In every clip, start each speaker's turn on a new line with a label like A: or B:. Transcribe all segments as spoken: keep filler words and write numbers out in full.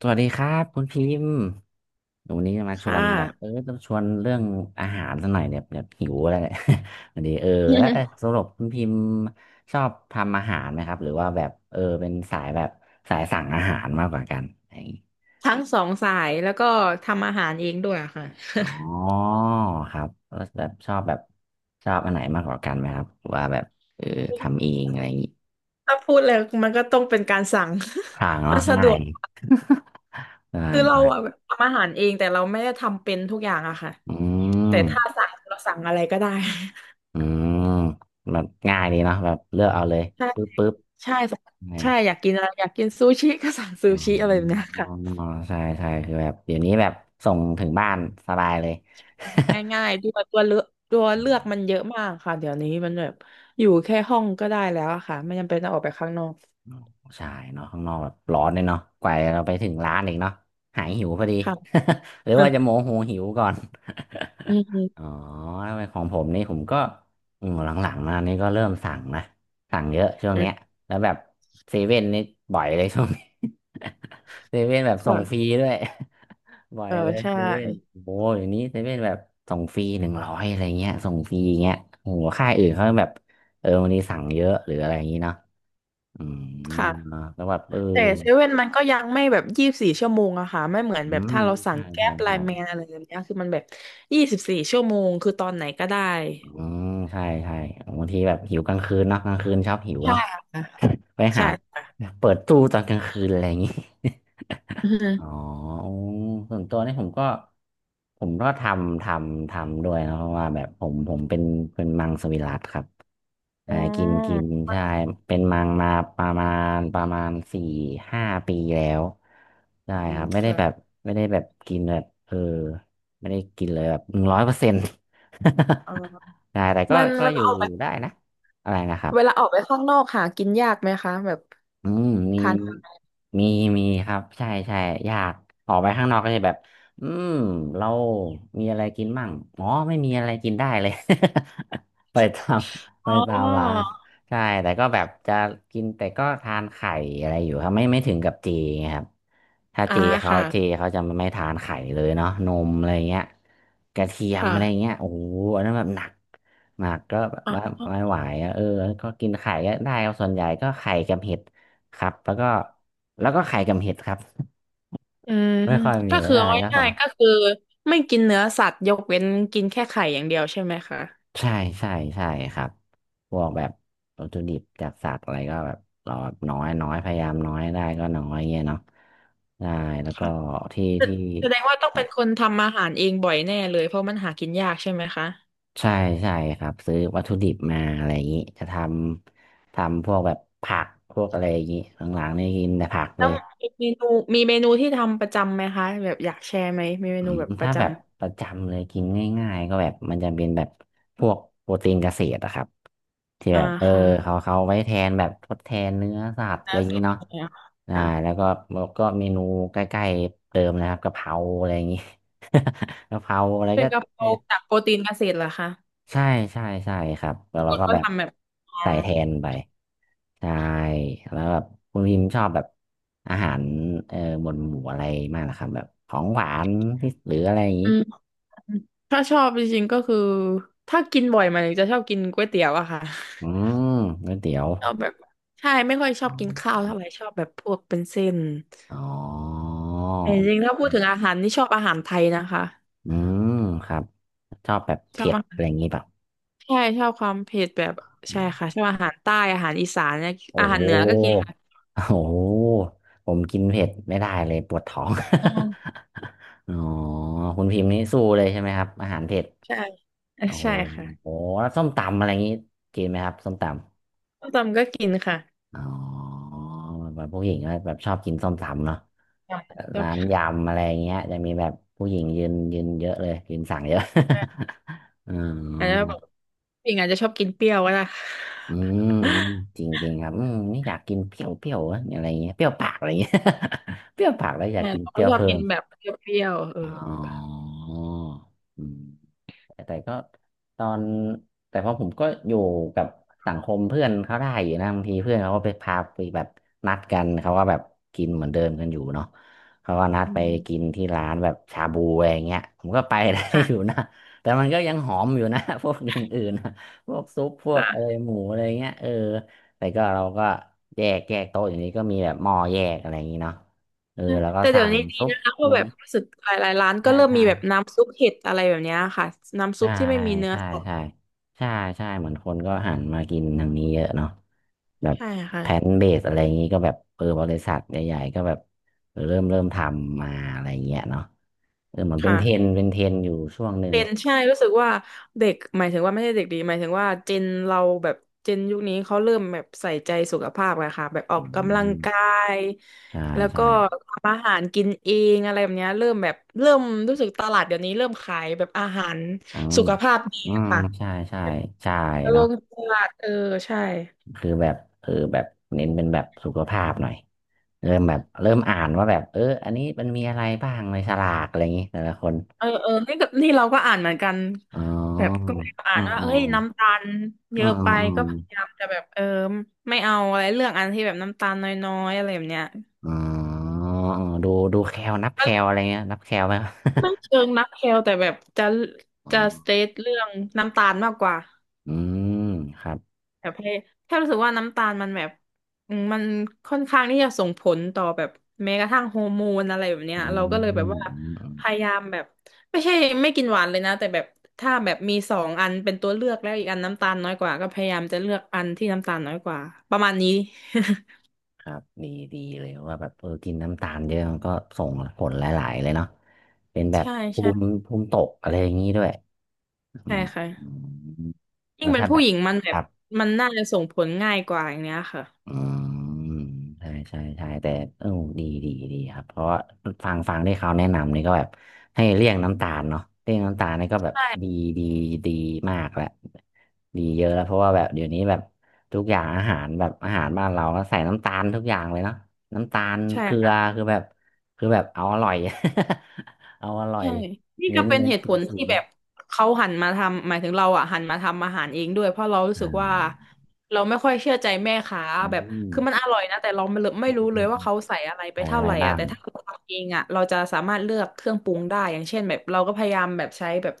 A: สวัสดีครับคุณพิมพ์วันนี้มาชว
B: ค่ะ
A: นแบบเออต้องชวนเรื่องอาหารสักหน่อยเนี่ยแบบหิวแล้วเนี่ย วันนี้เออแล้วเออส รุปคุณพิมพ์ชอบทำอาหารไหมครับหรือว่าแบบเออเป็นสายแบบสายสั่งอาหารมากกว่ากันอะไรอย่างงี้
B: ทั้งสองสายแล้วก็ทำอาหารเองด้วยอะค่ะ
A: อ๋อครับแล้วแบบชอบแบบชอบอันไหนมากกว่ากันไหมครับหรือว่าแบบเออทำเอ งอะไรอย่างงี้
B: ถ้าพูดเลยมันก็ต้องเป็นการสั่ง
A: พลาง
B: มั
A: เนาะ
B: นสะด
A: ง่า
B: ว
A: ย
B: ก
A: ง่า
B: คื
A: ย
B: อเราอะ
A: ใช่
B: แบบทำอาหารเองแต่เราไม่ได้ทำเป็นทุกอย่างอะค่ะ
A: อื
B: แต่
A: ม
B: ถ้าสั่งเราสั่งอะไรก็ได้
A: อืมแบบง่ายดีเนาะแบบเลือกเอาเลย
B: ใช่
A: ปึ๊บปึ๊บ
B: ใช่
A: ใช่
B: ใช่อยากกินอะไรอยากกินซูชิก็สั่งซู
A: อ
B: ชิอะไรแบบเนี้ย
A: ๋อ
B: ค่ะ
A: ใช่ ใช่คือแบบเดี๋ยวนี้แบบ ส่งถึงบ้าน สบายเลย
B: ง่ายๆด้วยตัวเลือกตัว
A: อ๋อ
B: เลือกมันเยอะมากค่ะเดี๋ยวนี้มันแบบอยู่แค่ห้องก็ได้แล้วอะค่ะไม่จำเป็นต้องออกไปข้างนอก
A: ใช่เนาะข้างนอกแบบร้อนเลยเนาะกว่าเราไปถึงร้านอีกเนาะหายหิวพอดี
B: ค่ะ
A: หรือว่า จะโมโหหิวก่อน
B: อื
A: อ๋อ
B: ม
A: ของผมนี่ผมก็อืมหลังๆมานี่ก็เริ่มสั่งนะ สั่งเยอะช่วง
B: อื
A: เนี้ย
B: ม
A: แล้วแบบเซเว่นนี่บ่อยเลยช่วงนี้ เซเว่นแบบส่งฟรี
B: ค่ะ
A: ด้วย ไหว
B: เออ
A: เลย
B: ใช่
A: เซเว่นโอ้อย่างนี้เซเว่นแบบส่งฟรีหนึ่งร้อยอะไรเงี้ยส่งฟรีอย่างเงี้ยโอ้โหค่ายอื่นเขาแบบเออวันนี้สั่งเยอะหรืออะไรอย่างงี้เนาะอืม
B: ค่ะ
A: แล้วแบบเออ
B: แต่เซเว่นมันก็ยังไม่แบบยี่สิบสี่ชั่วโมงอะค่ะไม่เหมือน
A: อื
B: แบบ
A: ม
B: ถ้าเราสั่ง
A: ใช่
B: แก๊
A: ใช่
B: ปไล
A: ใช่
B: น์แมนอะไรแบบเนี้ยคือมันแบบยี่สิบสี่ชั่วโมงคือตอนไหนก็ได้
A: อืมใช่ใช่บางทีแบบหิวกลางคืนเนาะกลางคืนชอบหิว
B: ใช่
A: เนาะ
B: ค่ะ
A: ไป
B: ใช่
A: หา
B: ค่ะ
A: เปิดตู้ตอนกลางคืนอะไรอย่างงี้
B: อือฮึ
A: อ๋อโอส่วนตัวนี่ผมก็ผมก็ทำทำทำด้วยนะเพราะว่าแบบผมผมเป็นเป็นมังสวิรัติครับ
B: อ๋
A: อ่ากินกิน
B: อ
A: ใช่เป็นมังมาประมาณประมาณสี่ห้าปีแล้วใช่
B: อื
A: ครั
B: ม
A: บไม่ได้แบบ
B: ค่ะ
A: ไม่ได้แบบกินแบบเออไม่ได้กินเลยแบบหนึ่งร้อยเปอร์เซ็นต์
B: เออ
A: ใช่แต่ก็
B: มัน
A: ก็
B: เว
A: อ
B: ลา
A: ยู่
B: ออกไป
A: อยู่ได้นะอะไรนะครับ
B: เวลาออกไปข้างนอกหากินยากไหมคะแบบ
A: อืมมี
B: ทาน
A: มีมีครับใช่ใช่อยากออกไปข้างนอกก็จะแบบอืมเรามีอะไรกินมั่งอ๋อไม่มีอะไรกินได้เลย ไปตาม ไป
B: อ๋
A: ตามร้าน
B: อ
A: ใช่แต่ก็แบบจะกินแต่ก็ทานไข่อะไรอยู่ครับไม่ไม่ถึงกับเจไงครับถ้า
B: อ่า
A: เจเขา
B: ค่ะ
A: เจเขาจะไม่ทานไข่เลยเนาะนมอะไรเงี้ยกระเทียม
B: ค่ะ
A: อะไรเงี้ยโอ้โหอันนั้นแบบหนักหนักก็แบบว่าไม่ไหวอะเออก็กินไข่ก็ได้ครับส่วนใหญ่ก็ไข่กับเห็ด ครับแล้วก็แล้วก็ไข่กับเห็ดครับ
B: อืม
A: ไม่ค่อยมี
B: ก็
A: อะไรา
B: คื
A: ย
B: อ
A: ได้
B: เอา
A: ก็พอ
B: ง่ายๆก็คือไม่กินเนื้อสัตว์ยกเว้นกินแค่ไข่อย่างเดียวใช่ไหมคะ
A: ใช่ใช่ใช่ครับพวกแบบวัตถุดิบจากสัตว์อะไรก็แบบเราแบบน้อยน้อยพยายามน้อยได้ก็น้อยเงี้ยเนาะได้แล้วก็
B: ค่ะ
A: ที่
B: แส
A: ที่
B: แสดงว่าต้องเป็นคนทำอาหารเองบ่อยแน่เลยเพราะมันหากินยากใช่ไหมคะ
A: ใช่ใช่ครับซื้อวัตถุดิบมาอะไรอย่างนี้จะทำทำพวกแบบผักพวกอะไรอย่างนี้หลังๆนี่กินแต่ผักเล
B: แล้ว
A: ย
B: มีเมนูมีเมนูที่ทำประจำไหมคะแบบอยากแชร์ไหมมีเม
A: อื
B: นู
A: ม
B: แบบป
A: ถ้า
B: ระจ
A: แบบประจำเลยกินง่ายๆก็แบบมันจะเป็นแบบพวกโปรตีนเกษตรอะครับที่
B: ำอ่า
A: แบบเออ
B: ค่ะ
A: เขาเขาไว้แทนแบบทดแทนเนื้อสัตว์อะ
B: นะ
A: ไรอย่าง
B: สุ
A: นี้
B: ด
A: เนาะ
B: เนี่ย
A: อ่าแล้ว
B: ค่ะ
A: ก็แล้วก็เมนูใกล้ๆเดิมนะครับกะเพราอะไรอย่างนี้ กะเพราอะไร
B: เป็น
A: ก็
B: กะเพราจากโปรตีนเกษตรเหรอคะ
A: ใช่ใช่ใช่ครับแล้วเรา
B: ก็
A: ก็
B: ก็
A: แบบ
B: ทำแบบอ่า
A: ใส่แทนไปใช่แล้วแบบคุณพิมชอบแบบอาหารเออบนหมู่อะไรมากนะครับแบบของหวานที่หรืออะไรอย่างนี้
B: อืมถ้าชอบจริงๆก็คือถ้ากินบ่อยมันจะชอบกินก๋วยเตี๋ยวอะค่ะ
A: อืมก๋วยเตี๋ยว
B: เราแบบใช่ไม่ค่อยช
A: อ๋
B: อบกินข้า
A: อ
B: วเท่าไหร่ชอบแบบพวกเป็นเส้น
A: อ๋อ
B: แต่จริงๆถ้าพูดถึงอาหารนี่ชอบอาหารไทยนะคะ
A: อืมครับ ชอบแบบ
B: ชอบ
A: เผ็ด
B: อา
A: อะ
B: หา
A: ไรอย่า
B: ร
A: งงี้เปล่ะ
B: ใช่ชอบความเผ็ดแบบ
A: อื
B: ใช่
A: ม
B: ค่ะชอบอาหารใต้อาหารอีสานเนี่ย
A: โอ้
B: อาหา
A: โห
B: รเหนือก็กินค่ะ
A: โอ้โห ผมกินเผ็ดไม่ได้เลยปวดท้อง
B: อืม
A: อ๋อคุณพิมพ์นี่สู้เลยใช่ไหมครับ อาหารเผ็ด
B: ใช่เอ่อ
A: โอ้
B: ใช่ค่ะ
A: โหแล้วส้มตำอะไรอย่างงี้กินไหมครับส้มต
B: ส้มตำก็กินค่ะ
A: อ๋อแบบผู้หญิงก็แบบชอบกินส้มตำเนาะ
B: ใชชอบ
A: ร้านยำอะไรอย่างเงี้ยจะมีแบบผู้หญิงยืนยืนเยอะเลยยืนสั่งเยอะ
B: ค่ะ
A: อ
B: อาจจะ
A: อ
B: บอกปิงอาจจะชอบกินเปรี้ยวก็ได้
A: อื มอืมจริงจริงครับอืมนี่อยากกินเปรี้ยวเปรี้ยวอะอะไรเงี้ยเปรี้ยวปากอะไรเงี้ย เปรี้ยวปากแล้วอยาก
B: ใช่
A: กิน
B: เรา
A: เป
B: ก็
A: รี้ยว
B: ชอบ
A: เพิ่
B: กิน
A: ม
B: แบบเปรี้ยวๆเออ
A: อ๋ออืม แต่ก็ตอนแต่พอผมก็อยู่กับสังคมเพื่อนเขาได้อยู่นะบางทีเพื่อนเขาก็ไปพาไปแบบนัดกันเขาก็แบบกินเหมือนเดิมกันอยู่เนาะเขาก็นัด
B: อื
A: ไปกิน
B: ม
A: ที่ร้านแบบชาบูอะไรอย่างเงี้ยผมก็ไปได้ อยู่
B: ค่ะ
A: นะแต่มันก็ยังหอมอยู่นะ พวกอย่างอื่นนะพวกซุปพวกอะไรหมูอะไรเงี้ยเออแต่ก็เราก็แยกแยกโต๊ะอย่างนี้ก็มีแบบหม้อแยกอะไรอย่างนี้เนาะเออ
B: ใช่
A: แล้วก็
B: แต่เดี๋
A: สั่
B: ยว
A: ง
B: นี้ดี
A: ซุป
B: นะคะเพ
A: อะไร
B: ราะ
A: อ
B: แบ
A: ย่าง
B: บ
A: นี้
B: รู้สึกหลายๆร้านก็
A: ใช่
B: เริ่ม
A: ใช่
B: มีแบบน้ำซุปเห็ดอะไรแบบเนี้ยค่ะน้ำซุ
A: ใช่
B: ปที่ไม่มีเนื้อ
A: ใช่
B: สัตว์
A: ใช่ใช่ใช่เหมือนคนก็หันมากินทางนี้เยอะเนาะแบบ
B: ใช่ค่ะ
A: แพลนเบสอะไรอย่างนี้ก็แบบเออบริษัทใหญ่ๆก็แบบเออเริ่มเริ่มทำมาอะไรอย่างเงี้ยเนาะเออเหมือนเป็นเทรน
B: ค่ะ
A: ด์เป็นเทรนด์อยู่ช่วงหนึ่ง
B: เป็นใช่รู้สึกว่าเด็กหมายถึงว่าไม่ใช่เด็กดีหมายถึงว่าเจนเราแบบเจนยุคนี้เขาเริ่มแบบใส่ใจสุขภาพกันค่ะแบบออ
A: อื
B: กกำลังกา
A: ม
B: ย
A: ใช่
B: แล้ว
A: ใช่
B: ก็ทำอาหารกินเองอะไรแบบเนี้ยเริ่มแบบเริ่มรู้สึกตลาดเดี๋ยวนี้เริ่มขายแบบอาหาร
A: อืม
B: สุขภาพดี
A: อื
B: อะ
A: ม
B: ค่ะ
A: ใช่ใช่ใช่
B: ล
A: เนาะ
B: งตลาดเออใช่
A: คือแบบเออแบบเน้นเป็นแบบสุขภาพหน่อยเริ่มแบบเริ่มอ่านว่าแบบเอออันนี้มันมีอะไรบ้างในฉลากอะไรอย่างนี้แต่ละคน
B: เออเออนี่กับนี่เราก็อ่านเหมือนกัน
A: อ๋อ
B: แบบก็พยายามอ่า
A: อ๋อ
B: นว่า
A: อ๋อ
B: เฮ้ยน้ำตาลเย
A: อ๋อ
B: อะ
A: อ๋อ
B: ไปก็พยายาม
A: อ
B: จะแบบเออไม่เอาอะไรเรื่องอันที่แบบน้ำตาลน้อยๆอะไรแบบเนี้ย
A: ๋ออ๋อดูดูแคลนับแค
B: มัน
A: ลอะไรเงี้ยนับแคลไหม ครับ
B: ไม่เชิ งนักเคลแต่แบบจะ
A: อ๋อ
B: จะสเตทเรื่องน้ำตาลมากกว่า
A: อืมครับ
B: แบบให้แค่รู้สึกว่าน้ำตาลมันแบบอืมมันค่อนข้างที่จะส่งผลต่อแบบแม้กระทั่งฮอร์โมนอะไรแบบเนี้ย
A: อืม
B: เราก็เลย
A: อื
B: แบบ
A: ม
B: ว่า
A: อืม
B: พยายามแบบไม่ใช่ไม่กินหวานเลยนะแต่แบบถ้าแบบมีสองอันเป็นตัวเลือกแล้วอีกอันน้ำตาลน้อยกว่าก็พยายามจะเลือกอันที่น้ำตาลน้อยกว่าประมาณนี้
A: ครับดีดีเลยว่าแบบเออกินน้ำตาลเยอะมันก็ส่งผลหลายๆเลยเนาะเป็นแบ บ
B: ใช่
A: ภู
B: ใช่
A: มิภูมิตกอะไรอย่างนี้ด้วยอืม
B: ใช่ค่ะ
A: อืม
B: ยิ่
A: แล้
B: ง
A: ว
B: เป็น
A: ถ้าแบ
B: ผู้
A: บ
B: หญิงมันแบ
A: ค
B: บ
A: รับ
B: มันน่าจะส่งผลง่ายกว่าอย่างเนี้ยค่ะ
A: อืมใช่ใช่ใช่แต่เออดีดีดีครับเพราะว่าฟังฟังที่เขาแนะนำนี่ก็แบบให้เลี่ยงน้ำตาลเนาะเลี่ยงน้ำตาลนี่ก็แบบดี
B: ใช่
A: ดีดีมากแล้วดีเยอะแล้วเพราะว่าแบบเดี๋ยวนี้แบบทุกอย่างอาหารแบบอาหารบ้านเราก็ใส่น้ำตาลทุกอย่างเลยเนาะน้ำตาลเกลือ
B: ใช่
A: คือแบบคือแบบเอาอร่อย เอาอร่อย
B: ใช่นี่
A: เน้
B: ก็
A: น
B: เป็
A: เล
B: น
A: ย
B: เหตุ
A: สู
B: ผ
A: ง
B: ล
A: สู
B: ที่
A: ง
B: แบบเขาหันมาทำ หมายถึงเราอ่ะหันมาทำอาหารเองด้วย เพราะเรารู้
A: อ่
B: สึกว่า
A: า
B: เราไม่ค่อยเชื่อใจแม่ค้า
A: อื
B: แบบ
A: ม
B: คือมันอร่อยนะแต่เราไม่รู้ไม่รู้เลยว่าเขาใส่อะไรไป
A: ใส่อะ
B: เท่า
A: ไร
B: ไหร่
A: บ้า
B: อ่ะ
A: ง
B: แต่ถ้าเราทำเองอ่ะเราจะสามารถเลือกเครื่องปรุงได้ อย่างเช่นแบบเราก็พยายามแบบใช้แบบ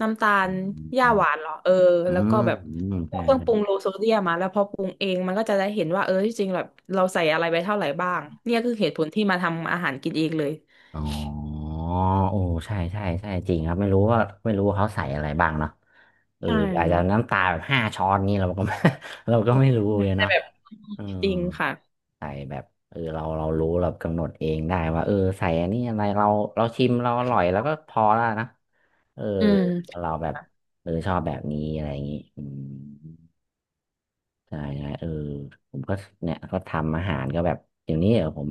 B: น้ำตา
A: อื
B: ล
A: ม
B: ห
A: อื
B: ญ้าหวานเหรอเออแล้วก็
A: ม
B: แบบ
A: อืม
B: พว
A: ใช่
B: กเครื่องปรุงโลโซเดียมมาแล้วพอปรุงเองมันก็จะได้เห็นว่าเออที่จริงแบบเราใส่อะไรไปเท่าไหร่บ้างเนี่ยคือเหตุผลที่มาทำอาหารกินเองเลย
A: อ๋อโอ้ใช่ใช่ใช่จริงครับไม่รู้ว่าไม่รู้ว่าเขาใส่อะไรบ้างเนาะเออ
B: ใช่
A: อาจจะน้ำตาแบบห้าช้อนนี่เราก็ไม่ เราก็ไม่รู้เลย
B: แต่
A: เนาะ
B: แบบ
A: เออ
B: จริงค่ะ
A: ใส่แบบเออเราเรารู้เรากำหนดเองได้ว่าเออใส่อันนี้อะไรเราเราชิมเราอร่อยแล้วก็พอแล้วนะเออ
B: อืม
A: เราแบบเออชอบแบบนี้อะไรอย่างนี้อืม ใช่ใช่เออผมก็เนี่ยก็ทำอาหารก็แบบเดี๋ยวนี้เออผม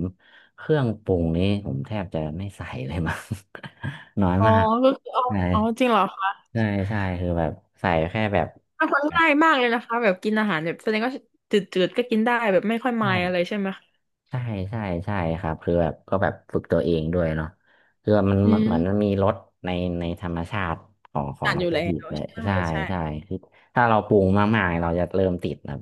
A: เครื่องปรุงนี้ผมแทบจะไม่ใส่เลยมั้ง น้อย
B: อ๋อ
A: มาก
B: ก็คือเอา
A: ใช่
B: อ๋อจริงเหรอคะ
A: ใช่ใช่คือแบบใส่แค่แบบ
B: อ่ะฟั
A: แบบ
B: ง่ายมากเลยนะคะแบบกินอาหารแบบแสดงว่าจืดๆก็กินได้แบบไม่ค่อยมา
A: ใช่
B: ยอะไรใช่ไหมคะ
A: ใช่ใช่ใช่ครับคือแบบก็แบบฝึกตัวเองด้วยเนาะคือมัน
B: อื
A: มันเหมือนมัน
B: ม
A: มีรสในในธรรมชาติของของ
B: อ่าน
A: วั
B: อ
A: ต
B: ยู่
A: ถุ
B: แล้
A: ดิบ
B: ว
A: เลย
B: ใช่
A: ใช่
B: ใช่
A: ใช่คือถ้าเราปรุงมากๆเราจะเริ่มติดนะ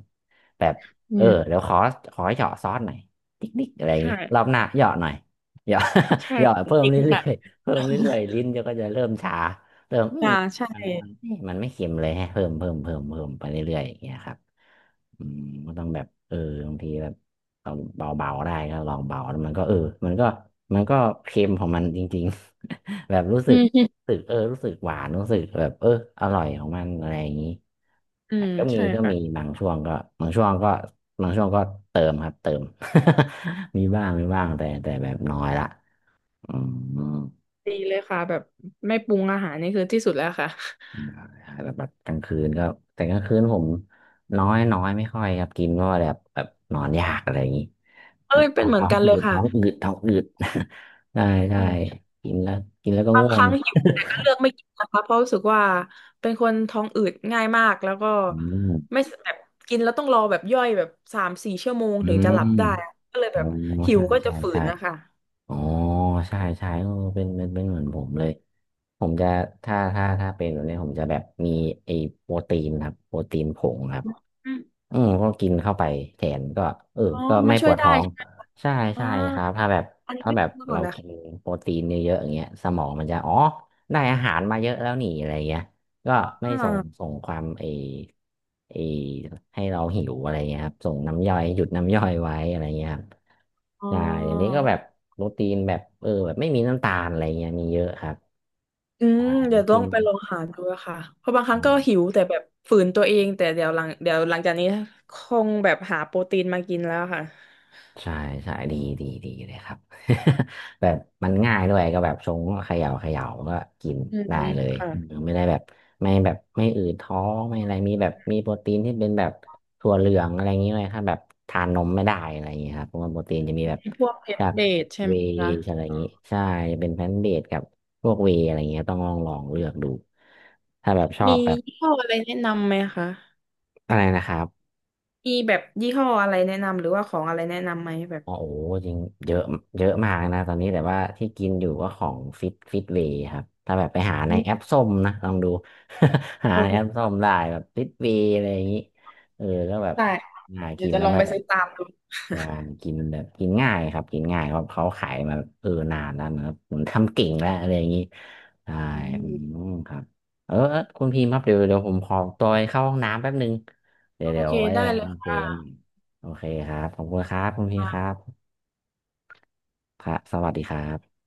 A: แบบ
B: อื
A: เออ
B: ม
A: เดี๋ยวขอขอเหยาะซอสหน่อยติ๊กติ๊กอะไรอย่าง
B: ใช่
A: งี้รอบหน้าเหยาะหน่อยเหยาะ
B: ใช่
A: เหยาะเพิ่ม
B: จริง
A: เรื่
B: ค่ะ
A: อยๆเพิ่มเรื่อยๆลิ้นจะก็จะเริ่มชาเริ่มอื
B: อ่า
A: ม
B: ใช่
A: มันมันเอ๊ะมันไม่เค็มเลยฮะเพิ่มเพิ่มเพิ่มเพิ่มไปเรื่อยๆอย่างเงี้ยครับอืมก็ต้องแบบเออบางทีแบบ เอาเบาๆได้ก็ลองเบาแล้วมันก็เออมันก็มันก็เค็มของมันจริงๆ แบบรู้สึ
B: อื
A: ก
B: ม
A: รู้สึกเออรู้สึกหวานรู้สึกแบบเอออร่อยของมันอะไรอย่างนี้
B: อื
A: แต่
B: ม
A: ก็มี
B: ใช่
A: ก็
B: ค่ะ
A: มีบางช่วงก็บางช่วงก็บางช่วงก็เติมครับเติม มีบ้างมีบ้างแต่แต่แบบน้อยละอืม
B: ดีเลยค่ะแบบไม่ปรุงอาหารนี่คือที่สุดแล้วค่ะ
A: แบบแบบกลางคืนก็แต่กลางคืนผมน้อยน้อยไม่ค่อยครับกินเพราะว่าแบบแบบนอนยากอะไรอย่างนี้แบ
B: เอ้
A: บ
B: ย
A: ท้
B: เป็
A: อ
B: น
A: ง
B: เหมือ
A: ท้
B: น
A: อง
B: กัน
A: อื
B: เลย
A: ด
B: ค่ะ
A: ท้องอืดท้องอืด ได้ได้กินแล้วกินแล้วก็
B: บาง
A: ง่
B: ค
A: วง
B: รั้งหิวแต่ก็เลือกไม่กินนะคะเพราะรู้สึกว่าเป็นคนท้องอืดง่ายมากแล้วก็
A: อืม
B: ไม่แบบกินแล้วต้องรอแบบย่อยแบบสามสี่ชั่วโมง
A: อื
B: ถึงจะ
A: ม
B: หลับได้อะก็เลย
A: อ๋
B: แบ
A: อ
B: บหิ
A: ใช่
B: วก็
A: ใช่
B: จะฝื
A: ใช่
B: นนะคะ
A: อ๋อใช่ใช่เออเป็นเป็นเป็นเหมือนผมเลยผมจะถ้าถ้าถ้าเป็นแบบนี้ผมจะแบบมีไอ้โปรตีนครับโปรตีนผงครับ
B: อืม
A: อืมก็กินเข้าไปแทนก็เออ
B: อ๋อ
A: ก็ไม่
B: มา
A: ป
B: ช่วย
A: วด
B: ได้
A: ท้อง
B: ใช่ไหมคะ
A: ใช่
B: อ่า
A: ใช่ครับถ้าแบบ
B: อันนี้
A: ถ้า
B: ไม่
A: แบบ
B: รู้ก่อ
A: เรา
B: นเลย
A: กิน
B: ค่ะ
A: โปรตีนเยอะๆอย่างเงี้ยสมองมันจะอ๋อได้อาหารมาเยอะแล้วนี่อะไรเงี้ยก็ไม่
B: อ่า
A: ส่งส่งความไอไอให้เราหิวอะไรเงี้ยครับส่งน้ำย่อยหยุดน้ำย่อยไว้อะไรเงี้ยครับ
B: อ๋อ
A: ใช่เดี๋ยวนี้ก็แบบโปรตีนแบบเออแบบไม่มีน้ำตาลอะไรเงี้ยมีเยอะครับ
B: อื
A: ใช่
B: มเดี๋ยวต้อ
A: กิ
B: ง
A: น
B: ไปลองหาดูอะค่ะเพราะบางครั้งก็หิวแต่แบบฝืนตัวเองแต่เดี๋ยวหลังเดี๋ยวหลังจากนี้คงแบบหาโปรตีนมากินแล้วค่ะ
A: ใช่ใช่ดีดีดีเลยครับ แบบมันง่ายด้วยก็แบบชงก็เขย่าเขย่าก็กิน
B: อื
A: ได้
B: ม
A: เลย
B: ค่ะ
A: อืมไม่ได้แบบไม่แบบไม่อืดท้องไม่อะไรมีแบบมีโปรตีนที่เป็นแบบถั่วเหลืองอะไรอย่างนี้เลยถ้าแบบทานนมไม่ได้อะไรอย่างนี้ครับเพราะว่าโปรตีนจะมีแบบ
B: พวกเพชร
A: จาก
B: เบดใช่
A: เว
B: ไหม
A: ย์
B: คะ
A: อะไรอย่างนี้ใช่จะเป็นแพลนต์เบสกับพวกเวย์อะไรอย่างเงี้ยต้องลองลองเลือกดูถ้าแบบชอบ
B: มี
A: แบบ
B: ยี่ห้ออะไรแนะนำไหมคะ
A: อะไรนะครับ
B: มีแบบยี่ห้ออะไรแนะนำหรือว่าของอะไรแนะนำไหมแบบ
A: อ๋อโอ้โหจริงเยอะเยอะมากนะตอนนี้แต่ว่าที่กินอยู่ก็ของฟิตฟิตเวย์ครับถ้าแบบไปหาใน
B: อื
A: แอป
B: ม
A: ส้มนะลองดู หา
B: โอ
A: ใน
B: เค
A: แอปส้มได้แบบฟิตเวย์อะไรอย่างนี้ เออก็แบบ
B: ได้
A: ง่าย
B: เดี๋ย
A: กิ
B: ว
A: น
B: จะ
A: แล้
B: ล
A: ว
B: อง
A: ไม่
B: ไป
A: แบ
B: ซื้
A: บ
B: อตามดู
A: งานกินแบบกินง่ายครับกินง่ายเพราะเขาขายมาเออนานแล้วนะครับผมทำเก่งแล้วอะไรอย่างนี้ใช่
B: อื
A: อื
B: ม
A: มครับเออเออคุณพิมพ์ครับเดี๋ยวเดี๋ยวผมขอตัวไปเข้าห้องน้ำแป๊บนึงเดี๋ยว
B: โอ
A: เดี๋ยว
B: เค
A: ไว้
B: ได้
A: เรา
B: เลย
A: คุยกัน
B: ค่ะ
A: โอเคครับขอบคุณครับคุณพี่ครั
B: ค่ะ
A: บ ครับสวัสดีครับ